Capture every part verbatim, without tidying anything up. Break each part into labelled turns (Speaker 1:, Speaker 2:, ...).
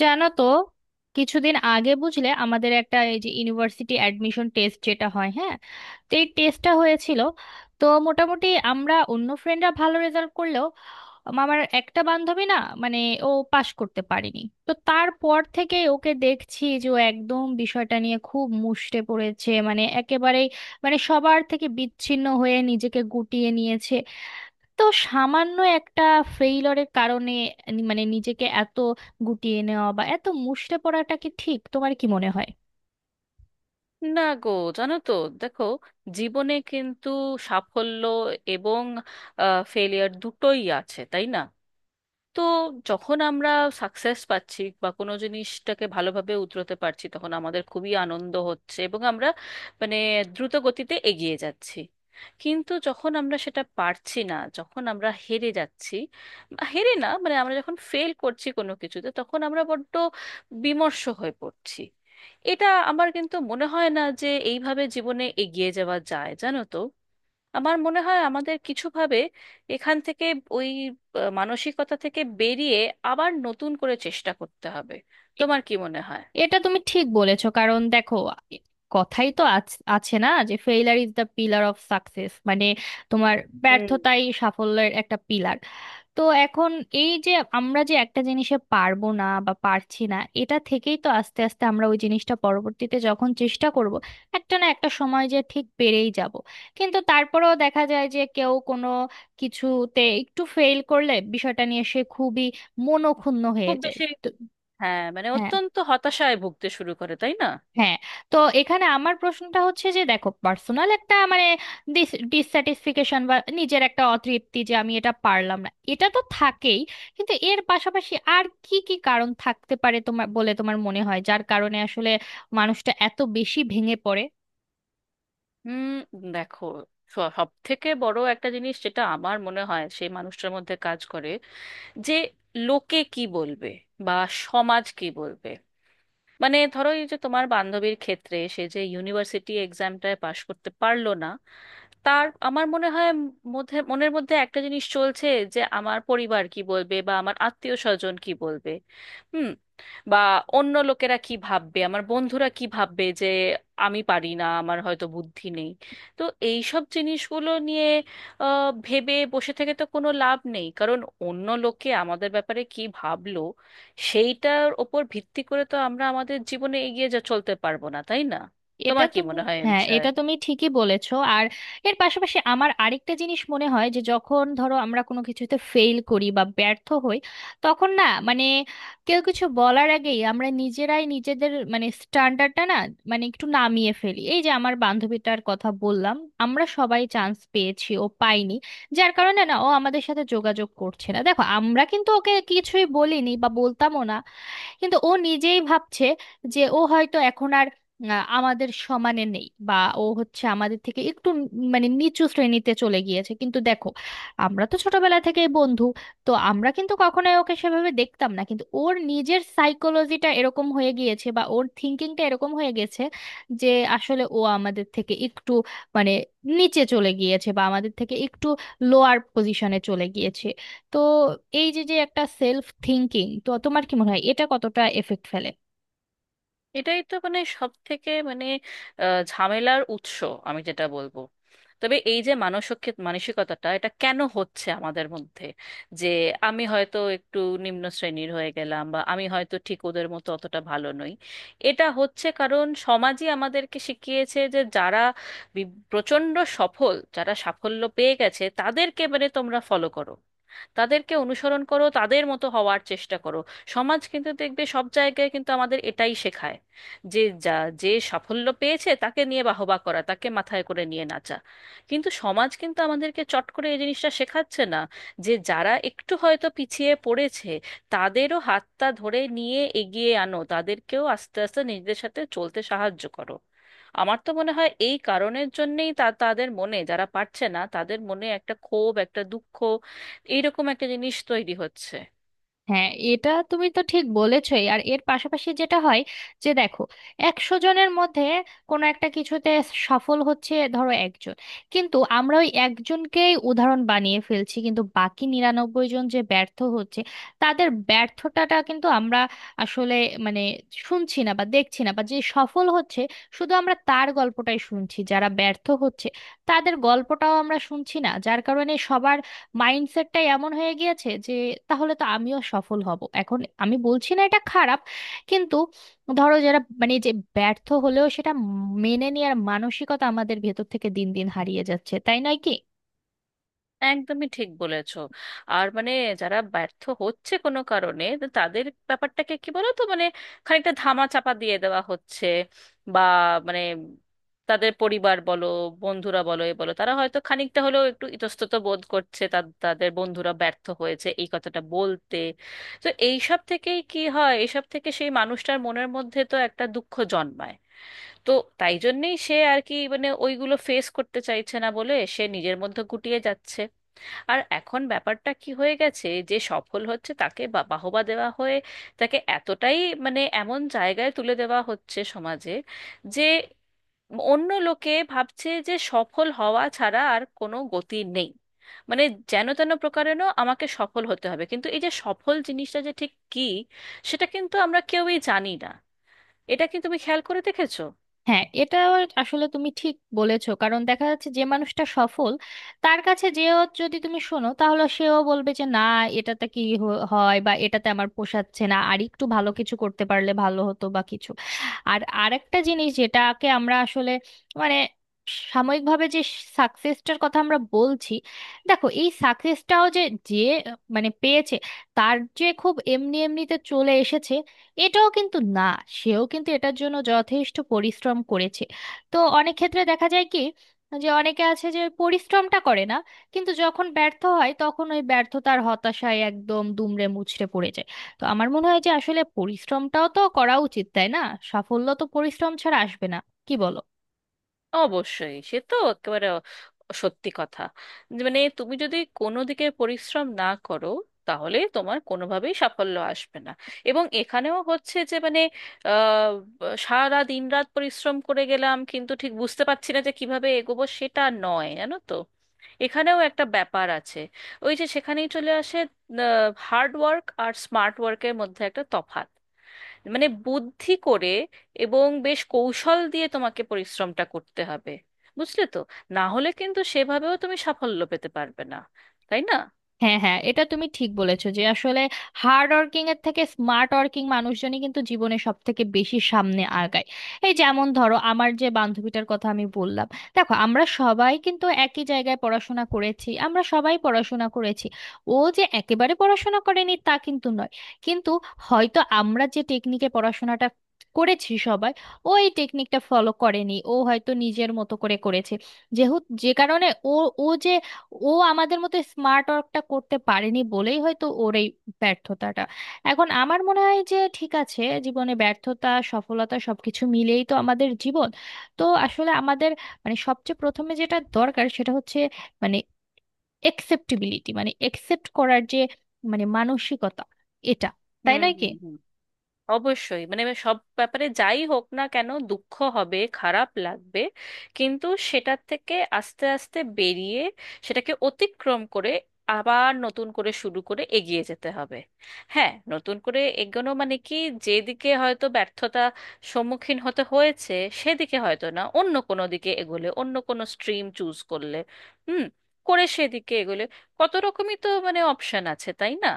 Speaker 1: জানো তো, কিছুদিন আগে বুঝলে আমাদের একটা এই যে ইউনিভার্সিটি অ্যাডমিশন টেস্ট যেটা হয়, হ্যাঁ। তো এই টেস্টটা হয়েছিল। তো মোটামুটি আমরা অন্য ফ্রেন্ডরা ভালো রেজাল্ট করলেও আম- আমার একটা বান্ধবী না, মানে, ও পাশ করতে পারেনি। তো তারপর থেকে ওকে দেখছি যে ও একদম বিষয়টা নিয়ে খুব মুষ্টে পড়েছে, মানে একেবারেই, মানে সবার থেকে বিচ্ছিন্ন হয়ে নিজেকে গুটিয়ে নিয়েছে। তো সামান্য একটা ফেইলরের কারণে নি- মানে নিজেকে এত গুটিয়ে নেওয়া বা এত মুষড়ে পড়াটা কি ঠিক? তোমার কি মনে হয়?
Speaker 2: না গো। জানো তো, দেখো, জীবনে কিন্তু সাফল্য এবং ফেলিয়ার দুটোই আছে, তাই না? তো যখন আমরা সাকসেস পাচ্ছি বা কোনো জিনিসটাকে ভালোভাবে উতরাতে পারছি, তখন আমাদের খুবই আনন্দ হচ্ছে এবং আমরা মানে দ্রুত গতিতে এগিয়ে যাচ্ছি। কিন্তু যখন আমরা সেটা পারছি না, যখন আমরা হেরে যাচ্ছি, বা হেরে না, মানে আমরা যখন ফেল করছি কোনো কিছুতে, তখন আমরা বড্ড বিমর্ষ হয়ে পড়ছি। এটা আমার কিন্তু মনে হয় না যে এইভাবে জীবনে এগিয়ে যাওয়া যায়, জানো তো। আমার মনে হয় আমাদের কিছুভাবে এখান থেকে ওই আহ, মানসিকতা থেকে বেরিয়ে আবার নতুন করে চেষ্টা করতে হবে। তোমার কি মনে হয়?
Speaker 1: এটা তুমি ঠিক বলেছো। কারণ দেখো, কথাই তো আছ- আছে না, যে failure is the pillar of success, মানে তোমার
Speaker 2: হুম,
Speaker 1: ব্যর্থতাই সাফল্যের একটা পিলার। তো এখন এই যে আমরা যে একটা জিনিসে পারবো না বা পারছি না, এটা থেকেই তো আস্তে আস্তে আমরা ওই জিনিসটা পরবর্তীতে যখন চেষ্টা করব, একটা না একটা সময় যে ঠিক পেরেই যাব। কিন্তু তারপরেও দেখা যায় যে কেউ কোনো কিছুতে একটু ফেল করলে বিষয়টা নিয়ে সে খুবই মনোক্ষুণ্ণ হয়ে
Speaker 2: খুব
Speaker 1: যায়।
Speaker 2: বেশি।
Speaker 1: তো
Speaker 2: হ্যাঁ, মানে
Speaker 1: হ্যাঁ,
Speaker 2: অত্যন্ত হতাশায় ভুগতে শুরু করে, তাই না?
Speaker 1: হ্যাঁ। তো এখানে আমার প্রশ্নটা হচ্ছে যে দেখো, পার্সোনাল একটা, মানে, ডিসস্যাটিসফিকেশন বা নিজের একটা অতৃপ্তি যে আমি এটা পারলাম না, এটা তো থাকেই। কিন্তু এর পাশাপাশি আর কি কি কারণ থাকতে পারে তোমার বলে তোমার মনে হয় যার কারণে আসলে মানুষটা এত বেশি ভেঙে পড়ে?
Speaker 2: হুম, দেখো, সব থেকে বড় একটা জিনিস যেটা আমার মনে হয় সেই মানুষটার মধ্যে কাজ করে, যে লোকে কি বলবে বা সমাজ কি বলবে। মানে ধরো এই যে তোমার বান্ধবীর ক্ষেত্রে, সে যে ইউনিভার্সিটি এক্সামটায় পাশ করতে পারলো না, তার আমার মনে হয় মধ্যে, মনের মধ্যে একটা জিনিস চলছে যে আমার পরিবার কি বলবে বা আমার আত্মীয় স্বজন কি বলবে। হুম। বা অন্য লোকেরা কি ভাববে, আমার বন্ধুরা কি ভাববে যে আমি পারি না, আমার হয়তো বুদ্ধি নেই। তো এই সব জিনিসগুলো নিয়ে আহ, ভেবে বসে থেকে তো কোনো লাভ নেই, কারণ অন্য লোকে আমাদের ব্যাপারে কি ভাবলো সেইটার ওপর ভিত্তি করে তো আমরা আমাদের জীবনে এগিয়ে যা চলতে পারবো না, তাই না?
Speaker 1: এটা
Speaker 2: তোমার কি
Speaker 1: তুমি,
Speaker 2: মনে হয় এ
Speaker 1: হ্যাঁ,
Speaker 2: বিষয়ে?
Speaker 1: এটা তুমি ঠিকই বলেছো। আর এর পাশাপাশি আমার আরেকটা জিনিস মনে হয় যে যখন ধরো আমরা কোনো কিছুতে ফেল করি বা ব্যর্থ হই, তখন না, মানে, কেউ কিছু বলার আগেই আমরা নিজেরাই নিজেদের, মানে, স্ট্যান্ডার্ডটা না, মানে একটু নামিয়ে ফেলি। এই যে আমার বান্ধবীটার কথা বললাম, আমরা সবাই চান্স পেয়েছি, ও পাইনি। যার কারণে না ও আমাদের সাথে যোগাযোগ করছে না। দেখো, আমরা কিন্তু ওকে কিছুই বলিনি বা বলতামও না, কিন্তু ও নিজেই ভাবছে যে ও হয়তো এখন আর আহ, আমাদের সমানে নেই, বা ও হচ্ছে আমাদের থেকে একটু উম মানে নিচু শ্রেণীতে চলে গিয়েছে। কিন্তু দেখো, আমরা তো ছোটবেলা থেকেই বন্ধু। তো আমরা কিন্তু কখনোই ওকে সেভাবে দেখতাম না, কিন্তু ওর নিজের সাইকোলজিটা এরকম হয়ে গিয়েছে বা ওর থিঙ্কিংটা এরকম হয়ে গেছে যে আসলে ও আমাদের থেকে একটু, মানে, নিচে চলে গিয়েছে বা আমাদের থেকে একটু লোয়ার পজিশনে চলে গিয়েছে। তো এই যে যে একটা সেলফ থিঙ্কিং, তো তোমার কি মনে হয় এটা কতটা এফেক্ট ফেলে?
Speaker 2: এটাই তো মানে সব থেকে মানে আহ, ঝামেলার উৎস আমি যেটা বলবো। তবে এই যে মানসিক মানসিকতাটা, এটা কেন হচ্ছে আমাদের মধ্যে যে আমি হয়তো একটু নিম্ন শ্রেণীর হয়ে গেলাম, বা আমি হয়তো ঠিক ওদের মতো অতটা ভালো নই? এটা হচ্ছে কারণ সমাজই আমাদেরকে শিখিয়েছে যে যারা বি- প্রচণ্ড সফল, যারা সাফল্য পেয়ে গেছে, তাদেরকে মানে তোমরা ফলো করো, তাদেরকে অনুসরণ করো, তাদের মতো হওয়ার চেষ্টা করো। সমাজ কিন্তু দেখবে, সব জায়গায় কিন্তু আমাদের এটাই শেখায় যে যা যে সাফল্য পেয়েছে তাকে নিয়ে বাহবা করা, তাকে মাথায় করে নিয়ে নাচা। কিন্তু সমাজ কিন্তু আমাদেরকে চট করে এই জিনিসটা শেখাচ্ছে না যে যারা একটু হয়তো পিছিয়ে পড়েছে, তাদেরও হাতটা ধরে নিয়ে এগিয়ে আনো, তাদেরকেও আস্তে আস্তে নিজেদের সাথে চলতে সাহায্য করো। আমার তো মনে হয় এই কারণের জন্যেই তা তাদের মনে, যারা পারছে না তাদের মনে একটা ক্ষোভ, একটা দুঃখ, এইরকম একটা জিনিস তৈরি হচ্ছে।
Speaker 1: হ্যাঁ, এটা তুমি তো ঠিক বলেছই। আর এর পাশাপাশি যেটা হয় যে দেখো, একশো জনের মধ্যে কোনো একটা কিছুতে সফল হচ্ছে ধরো একজন, কিন্তু আমরা ওই একজনকেই উদাহরণ বানিয়ে ফেলছি। কিন্তু বাকি নিরানব্বই জন যে ব্যর্থ হচ্ছে, তাদের ব্যর্থতাটা কিন্তু আমরা আসলে, মানে, শুনছি না বা দেখছি না। বা যে সফল হচ্ছে, শুধু আমরা তার গল্পটাই শুনছি। যারা ব্যর্থ হচ্ছে, তাদের গল্পটাও আমরা শুনছি না, যার কারণে সবার মাইন্ডসেটটাই এমন হয়ে গিয়েছে যে তাহলে তো আমিও সফল হব এখন। আমি বলছি না এটা খারাপ, কিন্তু ধরো যারা, মানে, যে ব্যর্থ হলেও সেটা মেনে নেওয়ার মানসিকতা আমাদের ভেতর থেকে দিন দিন হারিয়ে যাচ্ছে, তাই নয় কি?
Speaker 2: একদমই ঠিক বলেছো। আর মানে যারা ব্যর্থ হচ্ছে কোনো কারণে, তো তাদের ব্যাপারটাকে কি বলো তো, মানে খানিকটা ধামা চাপা দিয়ে দেওয়া হচ্ছে। বা মানে তাদের পরিবার বলো, বন্ধুরা বলো, এ বলো, তারা হয়তো খানিকটা হলেও একটু ইতস্তত বোধ করছে তা- তাদের বন্ধুরা ব্যর্থ হয়েছে এই কথাটা বলতে। তো এইসব থেকেই কি হয়, এইসব থেকে সেই মানুষটার মনের মধ্যে তো একটা দুঃখ জন্মায়। তো তাই জন্যেই সে আর কি মানে ওইগুলো ফেস করতে চাইছে না বলে সে নিজের মধ্যে গুটিয়ে যাচ্ছে। আর এখন ব্যাপারটা কি হয়ে গেছে, যে সফল হচ্ছে তাকে বা- বাহবা দেওয়া হয়ে, তাকে এতটাই মানে এমন জায়গায় তুলে দেওয়া হচ্ছে সমাজে, যে অন্য লোকে ভাবছে যে সফল হওয়া ছাড়া আর কোনো গতি নেই। মানে যেন তেন প্রকারেণ আমাকে সফল হতে হবে। কিন্তু এই যে সফল জিনিসটা যে ঠিক কি, সেটা কিন্তু আমরা কেউই জানি না। এটা কি তুমি খেয়াল করে দেখেছো?
Speaker 1: হ্যাঁ, এটা আসলে তুমি ঠিক বলেছো। কারণ দেখা যাচ্ছে যে মানুষটা সফল, তার কাছে যেও যদি তুমি শোনো, তাহলে সেও বলবে যে না, এটাতে কি হ- হয় বা এটাতে আমার পোষাচ্ছে না, আর একটু ভালো কিছু করতে পারলে ভালো হতো বা কিছু। আর আরেকটা জিনিস যেটাকে আমরা আসলে, মানে, সাময়িকভাবে যে সাকসেসটার কথা আমরা বলছি, দেখো এই সাকসেসটাও যে যে মানে পেয়েছে, তার যে খুব এমনি এমনিতে চলে এসেছে, এটাও কিন্তু না। সেও কিন্তু এটার জন্য যথেষ্ট পরিশ্রম করেছে। তো অনেক ক্ষেত্রে দেখা যায় কি, যে অনেকে আছে যে পরিশ্রমটা করে না, কিন্তু যখন ব্যর্থ হয় তখন ওই ব্যর্থতার হতাশায় একদম দুমড়ে মুচড়ে পড়ে যায়। তো আমার মনে হয় যে আসলে পরিশ্রমটাও তো করা উচিত, তাই না? সাফল্য তো পরিশ্রম ছাড়া আসবে না, কি বলো?
Speaker 2: অবশ্যই, সে তো একেবারে অ- সত্যি কথা, যে মানে তুমি যদি কোনো দিকে পরিশ্রম না করো, তাহলে তোমার কোনোভাবেই সাফল্য আসবে না। এবং এখানেও হচ্ছে যে মানে আহ, সারা দিন রাত পরিশ্রম করে গেলাম, কিন্তু ঠিক বুঝতে পারছি না যে কিভাবে এগোবো, সেটা নয়, জানো তো। এখানেও একটা ব্যাপার আছে, ওই যে সেখানেই চলে আসে, হার্ড ওয়ার্ক আর স্মার্ট ওয়ার্কের মধ্যে একটা তফাৎ। মানে বুদ্ধি করে এবং বেশ কৌশল দিয়ে তোমাকে পরিশ্রমটা করতে হবে, বুঝলে তো? না হলে কিন্তু সেভাবেও তুমি সাফল্য পেতে পারবে না, তাই না?
Speaker 1: হ্যাঁ, হ্যাঁ, এটা তুমি ঠিক বলেছো যে আসলে হার্ড ওয়ার্কিং এর থেকে স্মার্ট ওয়ার্কিং মানুষজনই কিন্তু জীবনে সব থেকে বেশি সামনে আগায়। এই যেমন ধরো আমার যে বান্ধবীটার কথা আমি বললাম, দেখো আমরা সবাই কিন্তু একই জায়গায় পড়াশোনা করেছি, আমরা সবাই পড়াশোনা করেছি, ও যে একেবারে পড়াশোনা করেনি তা কিন্তু নয়। কিন্তু হয়তো আমরা যে টেকনিকে পড়াশোনাটা করেছি সবাই, ও এই টেকনিকটা ফলো করেনি, ও হয়তো নিজের মতো করে করেছে। যেহেতু যে কারণে ও, ও যে ও আমাদের মতো স্মার্ট ওয়ার্কটা করতে পারেনি বলেই হয়তো ওর এই ব্যর্থতাটা। এখন আমার মনে হয় যে ঠিক আছে, জীবনে ব্যর্থতা সফলতা সবকিছু মিলেই তো আমাদের জীবন। তো আসলে আমাদের, মানে, সবচেয়ে প্রথমে যেটা দরকার সেটা হচ্ছে, মানে, একসেপ্টেবিলিটি, মানে একসেপ্ট করার যে, মানে, মানসিকতা, এটা, তাই
Speaker 2: হুম,
Speaker 1: নয় কি?
Speaker 2: হুম, হুম। অবশ্যই, মানে আমি সব ব্যাপারে, যাই হোক না কেন, দুঃখ হবে, খারাপ লাগবে, কিন্তু সেটার থেকে আস্তে আস্তে বেরিয়ে, সেটাকে অতিক্রম করে আবার নতুন করে শুরু করে এগিয়ে যেতে হবে। হ্যাঁ, নতুন করে এগোনো মানে কি? যেদিকে হয়তো ব্যর্থতা সম্মুখীন হতে হয়েছে, সেদিকে হয়তো না, অন্য কোনো দিকে এগোলে, অন্য কোনো স্ট্রিম চুজ করলে, হুম, করে সেদিকে এগোলে, কত রকমই তো মানে অপশন আছে, তাই না?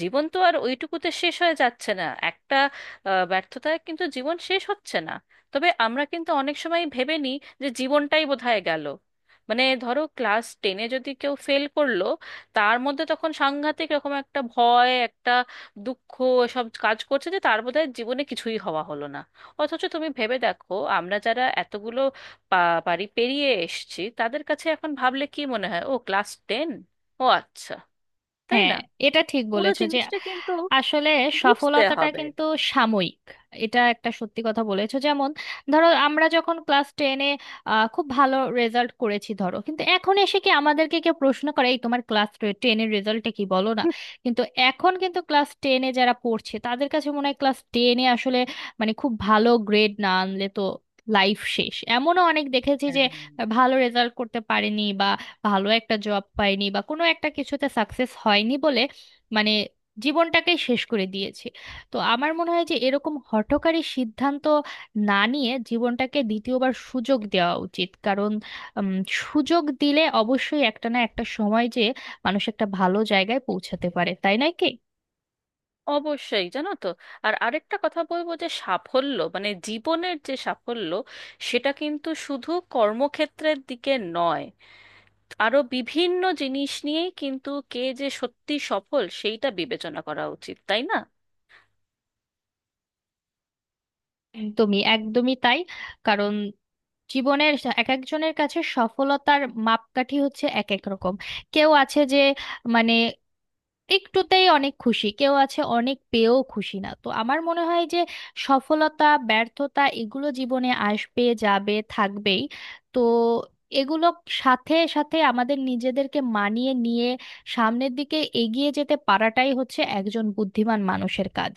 Speaker 2: জীবন তো আর ওইটুকুতে শেষ হয়ে যাচ্ছে না। একটা আহ, ব্যর্থতায় কিন্তু জীবন শেষ হচ্ছে না। তবে আমরা কিন্তু অনেক সময় ভেবে নিই যে জীবনটাই বোধহয় গেল। মানে ধরো ক্লাস টেনে যদি কেউ ফেল করলো, তার মধ্যে তখন সাংঘাতিক রকম একটা ভয়, একটা দুঃখ সব কাজ করছে, যে তার বোধহয় জীবনে কিছুই হওয়া হলো না। অথচ তুমি ভেবে দেখো, আমরা যারা এতগুলো পা- পারি পেরিয়ে এসেছি, তাদের কাছে এখন ভাবলে কি মনে হয়, ও ক্লাস টেন, ও আচ্ছা, তাই
Speaker 1: হ্যাঁ,
Speaker 2: না?
Speaker 1: এটা ঠিক
Speaker 2: পুরো
Speaker 1: বলেছো যে
Speaker 2: জিনিসটা কিন্তু
Speaker 1: আসলে
Speaker 2: বুঝতে
Speaker 1: সফলতাটা
Speaker 2: হবে।
Speaker 1: কিন্তু সাময়িক, এটা একটা সত্যি কথা বলেছো। যেমন ধরো আমরা যখন ক্লাস টেনে খুব ভালো রেজাল্ট করেছি ধরো, কিন্তু এখন এসে কি আমাদেরকে কেউ প্রশ্ন করে এই তোমার ক্লাস টেনের রেজাল্টটা কি, বলো না? কিন্তু এখন কিন্তু ক্লাস টেনে যারা পড়ছে তাদের কাছে মনে হয় ক্লাস টেনে আসলে, মানে, খুব ভালো গ্রেড না আনলে তো লাইফ শেষ। এমনও অনেক দেখেছি যে
Speaker 2: হ্যাঁ,
Speaker 1: ভালো রেজাল্ট করতে পারেনি, ভালো একটা জব পাইনি বা কোনো একটা কিছুতে সাকসেস হয়নি বলে, মানে, জীবনটাকে শেষ করে দিয়েছি। তো আমার মনে হয় যে এরকম হঠকারী সিদ্ধান্ত না নিয়ে জীবনটাকে দ্বিতীয়বার সুযোগ দেওয়া উচিত। কারণ উম, সুযোগ দিলে অবশ্যই একটা না একটা সময় যে মানুষ একটা ভালো জায়গায় পৌঁছাতে পারে, তাই নয় কি?
Speaker 2: অবশ্যই, জানো তো। আর আরেকটা কথা বলবো, যে সাফল্য মানে জীবনের যে সাফল্য, সেটা কিন্তু শুধু কর্মক্ষেত্রের দিকে নয়, আরো বিভিন্ন জিনিস নিয়েই কিন্তু কে যে সত্যি সফল সেইটা বিবেচনা করা উচিত, তাই না?
Speaker 1: একদমই, একদমই তাই। কারণ জীবনের এক একজনের কাছে সফলতার মাপকাঠি হচ্ছে এক এক রকম। কেউ আছে যে, মানে, একটুতেই অনেক খুশি, কেউ আছে অনেক পেয়েও খুশি না। তো আমার মনে হয় যে সফলতা ব্যর্থতা এগুলো জীবনে আসবে, যাবে, থাকবেই। তো এগুলো সাথে সাথে আমাদের নিজেদেরকে মানিয়ে নিয়ে সামনের দিকে এগিয়ে যেতে পারাটাই হচ্ছে একজন বুদ্ধিমান মানুষের কাজ।